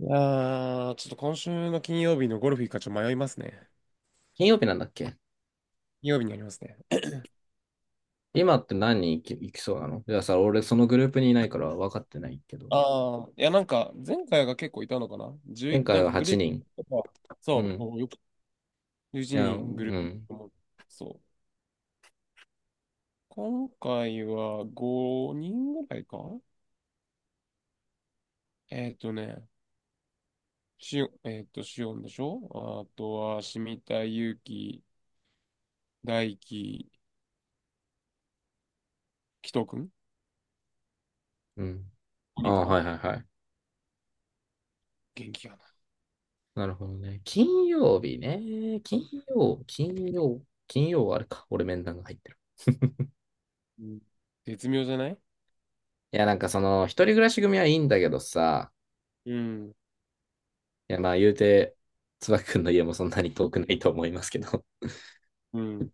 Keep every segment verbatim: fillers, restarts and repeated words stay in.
いやー、ちょっと今週の金曜日のゴルフ行くかちょっと迷いますね。金曜日なんだっけ。金曜日になりますね。今って何人行き行きそうなの。いやさ、俺そのグループにいないから分かってないけど。ああ、いや、なんか、前回が結構いたのかな前じゅう、回なんかはグ8ルー人。プとか、うそう、ん。もうよく11いや、う人グルーん。プも、そう。今回はごにんぐらいかえっとね、しお、えっと、しおんでしょ。あとは、しみたい、ゆうき、大いききとくん うん。?ご あ人かあ、な。はいはいはい。元気かな。なるほどね。金曜日ね。金曜、金曜、金曜はあれか。俺面談が入ってる。うん。絶妙じゃない？いや、なんかその、一人暮らし組はいいんだけどさ、うん。いや、まあ言うて、椿くんの家もそんなに遠くないと思いますけど。うん。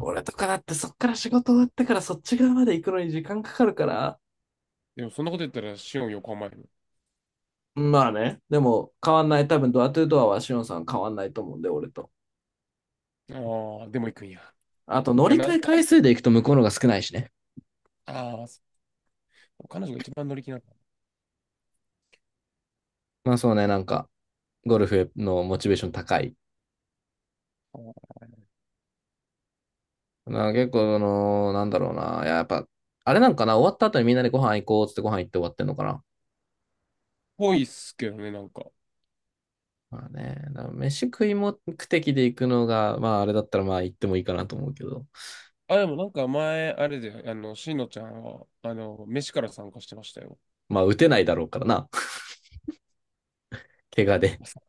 俺とかだってそっから仕事終わってからそっち側まで行くのに時間かかるから。でも、そんなこと言ったら、しおん横浜やね。まあね。でも、変わんない。多分、ドアトゥードアはシオンさん変わんないと思うんで、俺と。ああ、でも行くんや。あと、乗てか、りな換ん、え回数で行くと向こうのが少ないしね。ああ、彼女が一番乗り気なまあそうね、なんか、ゴルフのモチベーション高い。の。な結構、あのーなんだろうな。いや、やっぱ、あれなんかな、終わった後にみんなでご飯行こうっつってご飯行って終わってんのかな。ぽいっすけどね、なんか。まあね、だから飯食い目的で行くのが、まああれだったらまあ行ってもいいかなと思うけど。あ、でもなんか前、あれで、あの、しのちゃんは、あの、飯から参加してましたよ。まあ打てないだろうからな。怪我で。まさか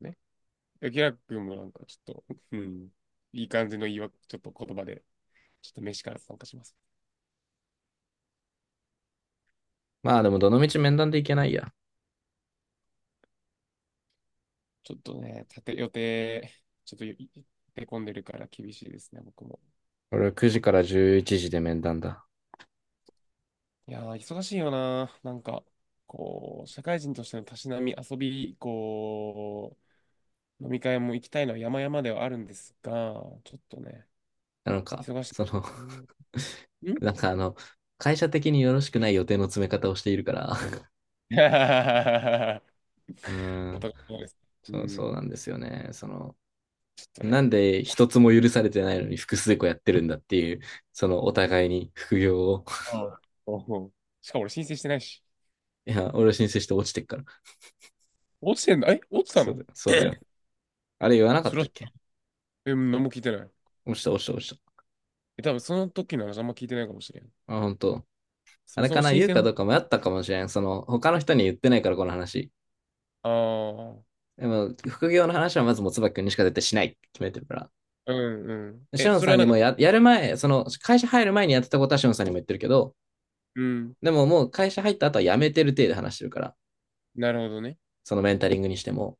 ね。でキラ君もなんかちょっと、うん、いい感じの言い訳、ちょっと言葉で、ちょっと飯から参加します。まあでも、どの道面談で行けないや。ちょっとね、立て、予定、ちょっと立て込んでるから厳しいですね、僕も。俺くじからじゅういちじで面談だ。いやー、忙しいよな。なんか、こう、社会人としてのたしなみ、遊び、こう、飲み会も行きたいのは山々ではあるんですが、ちょっとね、なんか、忙しい。その う ん。ん。 なんかあの、会社的によろしくない予定の詰め方をしているから、うーおん、互い様です。うそう、ん。そうなんですよね。その、ちょっとなんね。で一つも許されてないのに複数個やってるんだっていう、そのお互いに副業を。あ あ。しかも俺申請してないし。いや、俺は申請して落ちてっから。落ちてんだ。え、落ちたそうだの？よ、そうだよ。あれ言わなかそっれたは、っけ。え、何も聞いてない。落ちた、落ちた、落ちえ、多分その時の話あんま聞いてないかもしれん。た。あ、本当。そあもれそかもな、申言う請かの。どうか迷ったかもしれん。その、他の人に言ってないから、この話。ああ。でも、副業の話はまずもつばきくんにしか絶対しないって決めてるから。うんうん。シえ、オンそれさんはなにもんか、や、やる前、その会社入る前にやってたことはシオンさんにも言ってるけど、うん。でももう会社入った後は辞めてる体で話してるから、なるほどね。そのメンタリングにしても、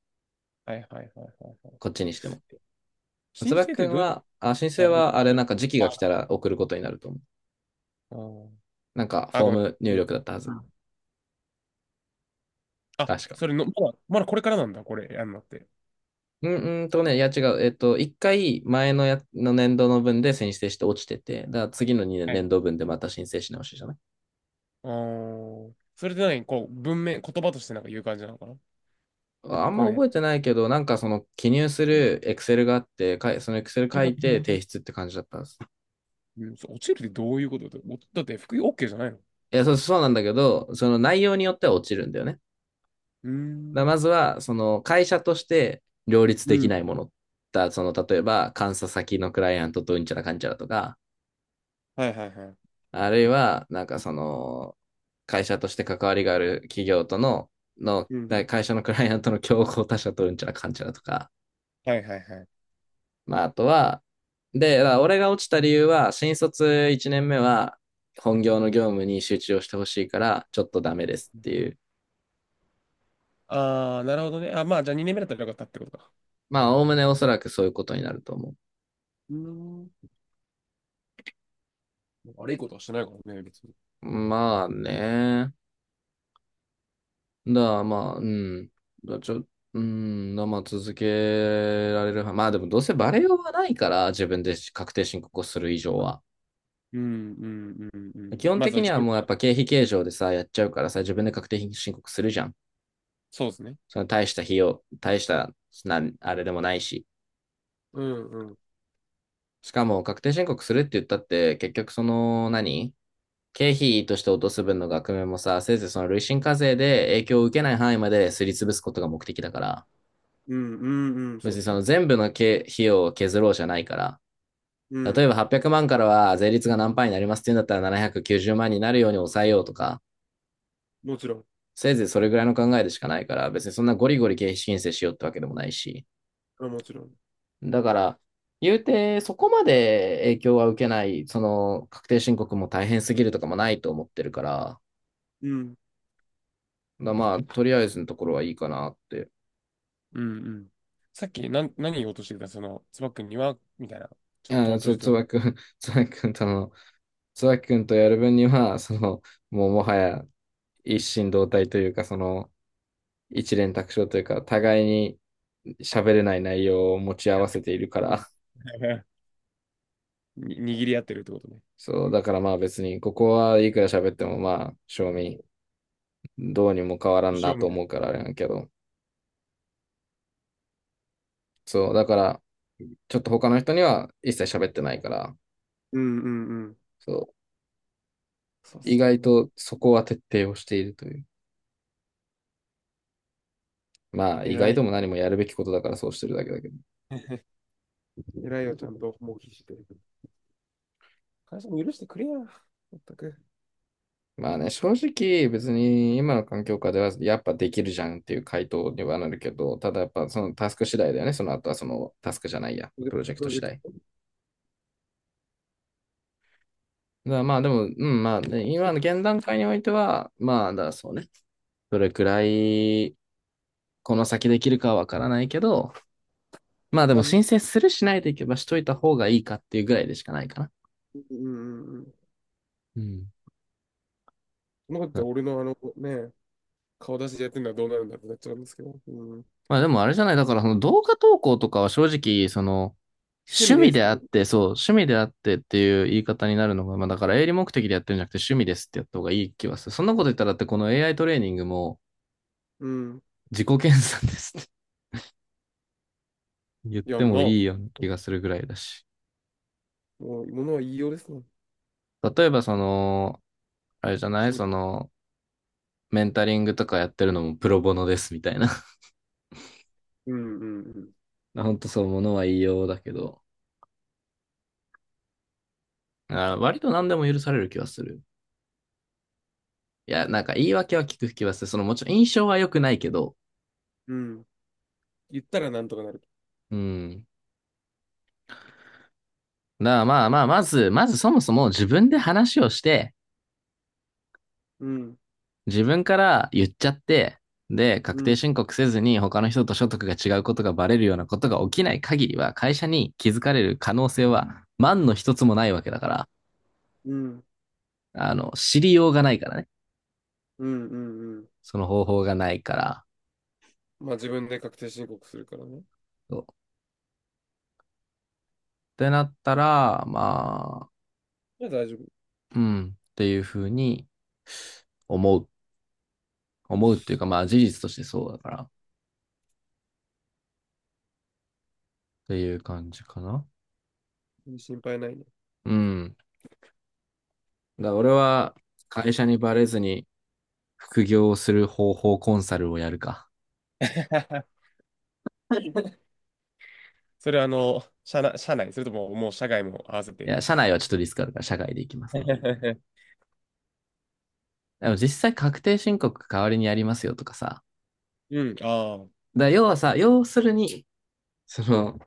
はいはいはいはいはい。こっちにしても。申椿請っくてんどうやって。は、あ、申あ、請はああ、れでなもんか時期が来たあら送ることになると思う。なんかああフォーごめん。ム入今力だったはず。あ、確か。それの、まだ、まだこれからなんだ、これ、やんのって。うん。うんとね、いや違う。えっと、一回前のや、の年度の分で申請して落ちてて、だから次のにねんはい。年度分でまた申請し直しじゃない。あー、それで何、こう、文面、言葉としてなんか言う感じなのかな。あんこまれね、覚えてないけど、なんかその記入するエクセルがあって、そのエクセル冬書がいて今提出って感じだったんです。うんそう落ちるってどういうことだって、おだって服 OK じゃないの。いや、そう、そうなんだけど、その内容によっては落ちるんだよね。だかうーらまずん。は、その会社として両立うできん。ないもの。だその、例えば、監査先のクライアントとうんちゃらかんちゃらとか、はいはいはい。あるいは、なんかその、会社として関わりがある企業との、の、うん。会社のクライアントの競合他社とうんちゃらかんちゃらとか、はいはいはい。まあ、あとは、で、俺が落ちた理由は、新卒いちねんめは、本業の業務に集中をしてほしいから、ちょっとダメですっていう。ああ、なるほどね。あ、まあ、じゃあにねんめだったらよかったってことか。まあ、おおむねおそらくそういうことになると思うーん。悪いことはしてないからね、別に。う。まあね。だからまあ、うん。だちょ、うん。だからまあ、続けられるは。まあでも、どうせバレようがないから、自分で確定申告をする以上は。うん、うん、うん、う基ん。本まず的はに自は分もかうやっら。ぱ経費計上でさ、やっちゃうからさ、自分で確定申告するじゃん。そうですね。その大した費用、大したな、あれでもないし。うん、うん。しかも、確定申告するって言ったって、結局その何、経費として落とす分の額面もさ、せいぜいその累進課税で影響を受けない範囲まですり潰すことが目的だから、うん、うん、うん、そう別でにすそね。の全部の経費を削ろうじゃないから、う例えん。ばはっぴゃくまんからは税率が何パーになりますっていうんだったらななひゃくきゅうじゅうまんになるように抑えようとか、もちろん。せいぜいそれぐらいの考えでしかないから、別にそんなゴリゴリ経費申請しようってわけでもないし。あ、もちろん。だから、言うて、そこまで影響は受けない、その確定申告も大変すぎるとかもないと思ってるから、うん。だからまあ、とりあえずのところはいいかなって。うんうん。さっき、なん、何言おうとしてたその、つばくんには、みたいな。いちょっと、や、とそう、じつと、ばくん、つばくんとの、つばくんとやる分には、その、もうもはや一心同体というか、その、一蓮托生というか、互いに喋れない内容を持ち合わせているかうん。 ら。に握り合ってるってことね。そう、だからまあ別に、ここはいくら喋ってもまあ、正味、どうにも変わらんな勝負。と思うからあれなんやけど、そう、だから、ちょっと他の人には一切喋ってないから、うんうんうん。そう、そうっ意す外ね。とそこは徹底をしているという。まあ、意偉外とい。も何もやるべきことだからそうしてるだけだけど。偉いよ、ちゃんと、もう必死で。会社も許してくれや。まったく。まあね、正直別に今の環境下ではやっぱできるじゃんっていう回答にはなるけど、ただやっぱそのタスク次第だよね。その後はそのタスクじゃないや、ププロジェクトロジ次ェク第。ト。だからまあでも、うん、まあね、今の現段階においては、まあだからそうね。どれくらいこの先できるかはわからないけど、一まあでも旦ね。申請するしないでいけばしといた方がいいかっていうぐらいでしかないかな。うんうんうん。うん。そんなことって俺のあの、ね、顔出しでやってるのはどうなるんだってなっちゃうんですけど。うん、まあでもあれじゃない、だからその動画投稿とかは正直、その、趣趣味で味すっでてあっね。て、そう、趣味であってっていう言い方になるのが、まあだから営利目的でやってるんじゃなくて趣味ですってやった方がいい気はする。そんなこと言ったらだってこの エーアイ トレーニングもうん。自己研鑽ですって 言っいや、なあ、てもいいもような気がするぐらいだし。う、ものは言いようですね。例えばその、あれじゃな趣いそ味。の、メンタリングとかやってるのもプロボノですみたいな。うんうん ほんとそう、ものは言いようだけど、あ、割と何でも許される気はする。いや、なんか言い訳は聞く気はする。そのもちろん印象は良くないけど、うん。うん。言ったらなんとかなる。うん。だからまあまあ、まず、まずそもそも自分で話をして、うん。自分から言っちゃって、で、う確定ん。申告せずに他の人と所得が違うことがバレるようなことが起きない限りは、会社に気づかれる可能性は万の一つもないわけだから、うん。あの、知りようがないからね。うん。うんうん。その方法がないから。まあ自分で確定申告するからね。そうってなったら、まあ、いや大丈夫。うん、っていうふうに思う。思うっていうか、まあ事実としてそうだから、っていう感じかな。うん心配ないね。うん。だから俺は会社にバレずに副業をする方法コンサルをやるか。それはあの、社内、社内、それとももう社外も合わせいて。や、社内はちょっとリスクあるから社外で行きますわ。でも実際確定申告代わりにやりますよとかさ。うん。ああ。だから要はさ、要するに、その、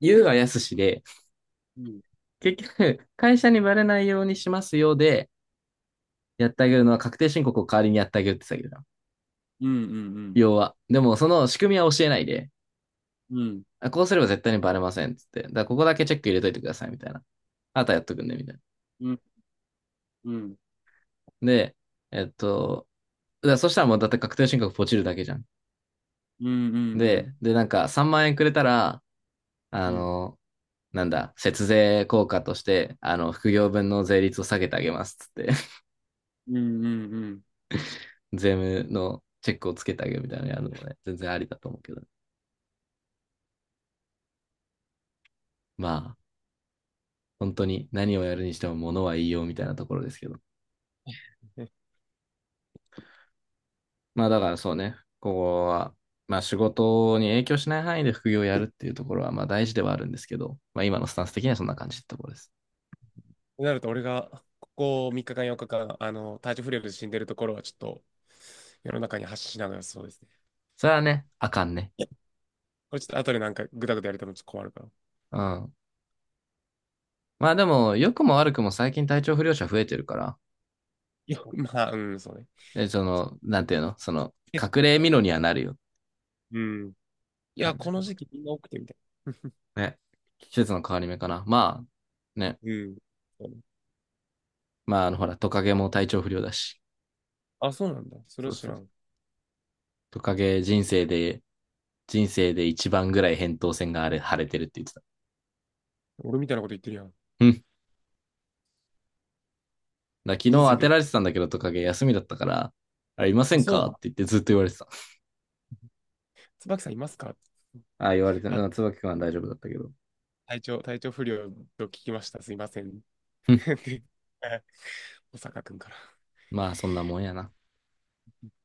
言うはやすしで、うん。結局、会社にバレないようにしますよで、やってあげるのは確定申告を代わりにやってあげるって言ってたけどうんうん要は。でも、その仕組みは教えないで、うん。うん。あこうすれば絶対にバレませんっつって。だからここだけチェック入れといてくださいみたいな。あとはやっとくんで、みたいな。うん。うんで、えっと、だからそしたらもうだって確定申告ポチるだけじゃん。うんうん。で、で、なんかさんまん円くれたら、うあん。の、なんだ、節税効果として、あの、副業分の税率を下げてあげますっつって、うんうんうん。税務のチェックをつけてあげるみたいなのやるのもね、全然ありだと思うけど。まあ、本当に何をやるにしても物は言いようみたいなところですけど。ね。まあだからそうね、ここは、まあ仕事に影響しない範囲で副業をやるっていうところはまあ大事ではあるんですけど、まあ今のスタンス的にはそんな感じってところです。となると、俺がここみっかかん、よっかかん、あの、体調不良で死んでるところは、ちょっと世の中に発信しながらそうです。それはね、あかんね。いやこれちょっと後でなんかぐだぐだやりたもちょっと困るから。うん。まあでも、良くも悪くも最近体調不良者増えてるから、いや、まあ、うん、そうね。え、その、なんていうのその、結隠れ構、蓑にはなるよ。うん。いや、感じこかのな。時期みんな多くてみたいな。ね。季節の変わり目かな。まあ、ね。うん。そうね。まあ、あの、ほら、トカゲも体調不良だし。あ、そうなんだ。それそはう知そらう。ん。トカゲ人生で、人生で一番ぐらい扁桃腺があれ、腫れてるって言ってた。俺みたいなこと言ってるやん。うん。だから昨日人当生てで。られてたんだけど、トカゲ休みだったから、あれ、いませあ、んそうかなっんてだ。言ってずっと言われてた。椿さんいますか？ ああ、言われてあ、る。椿君は大丈夫だったけど。体調、体調不良と聞きました。すいません。うん。で、え小坂くんから。まあ、そんなもんやな。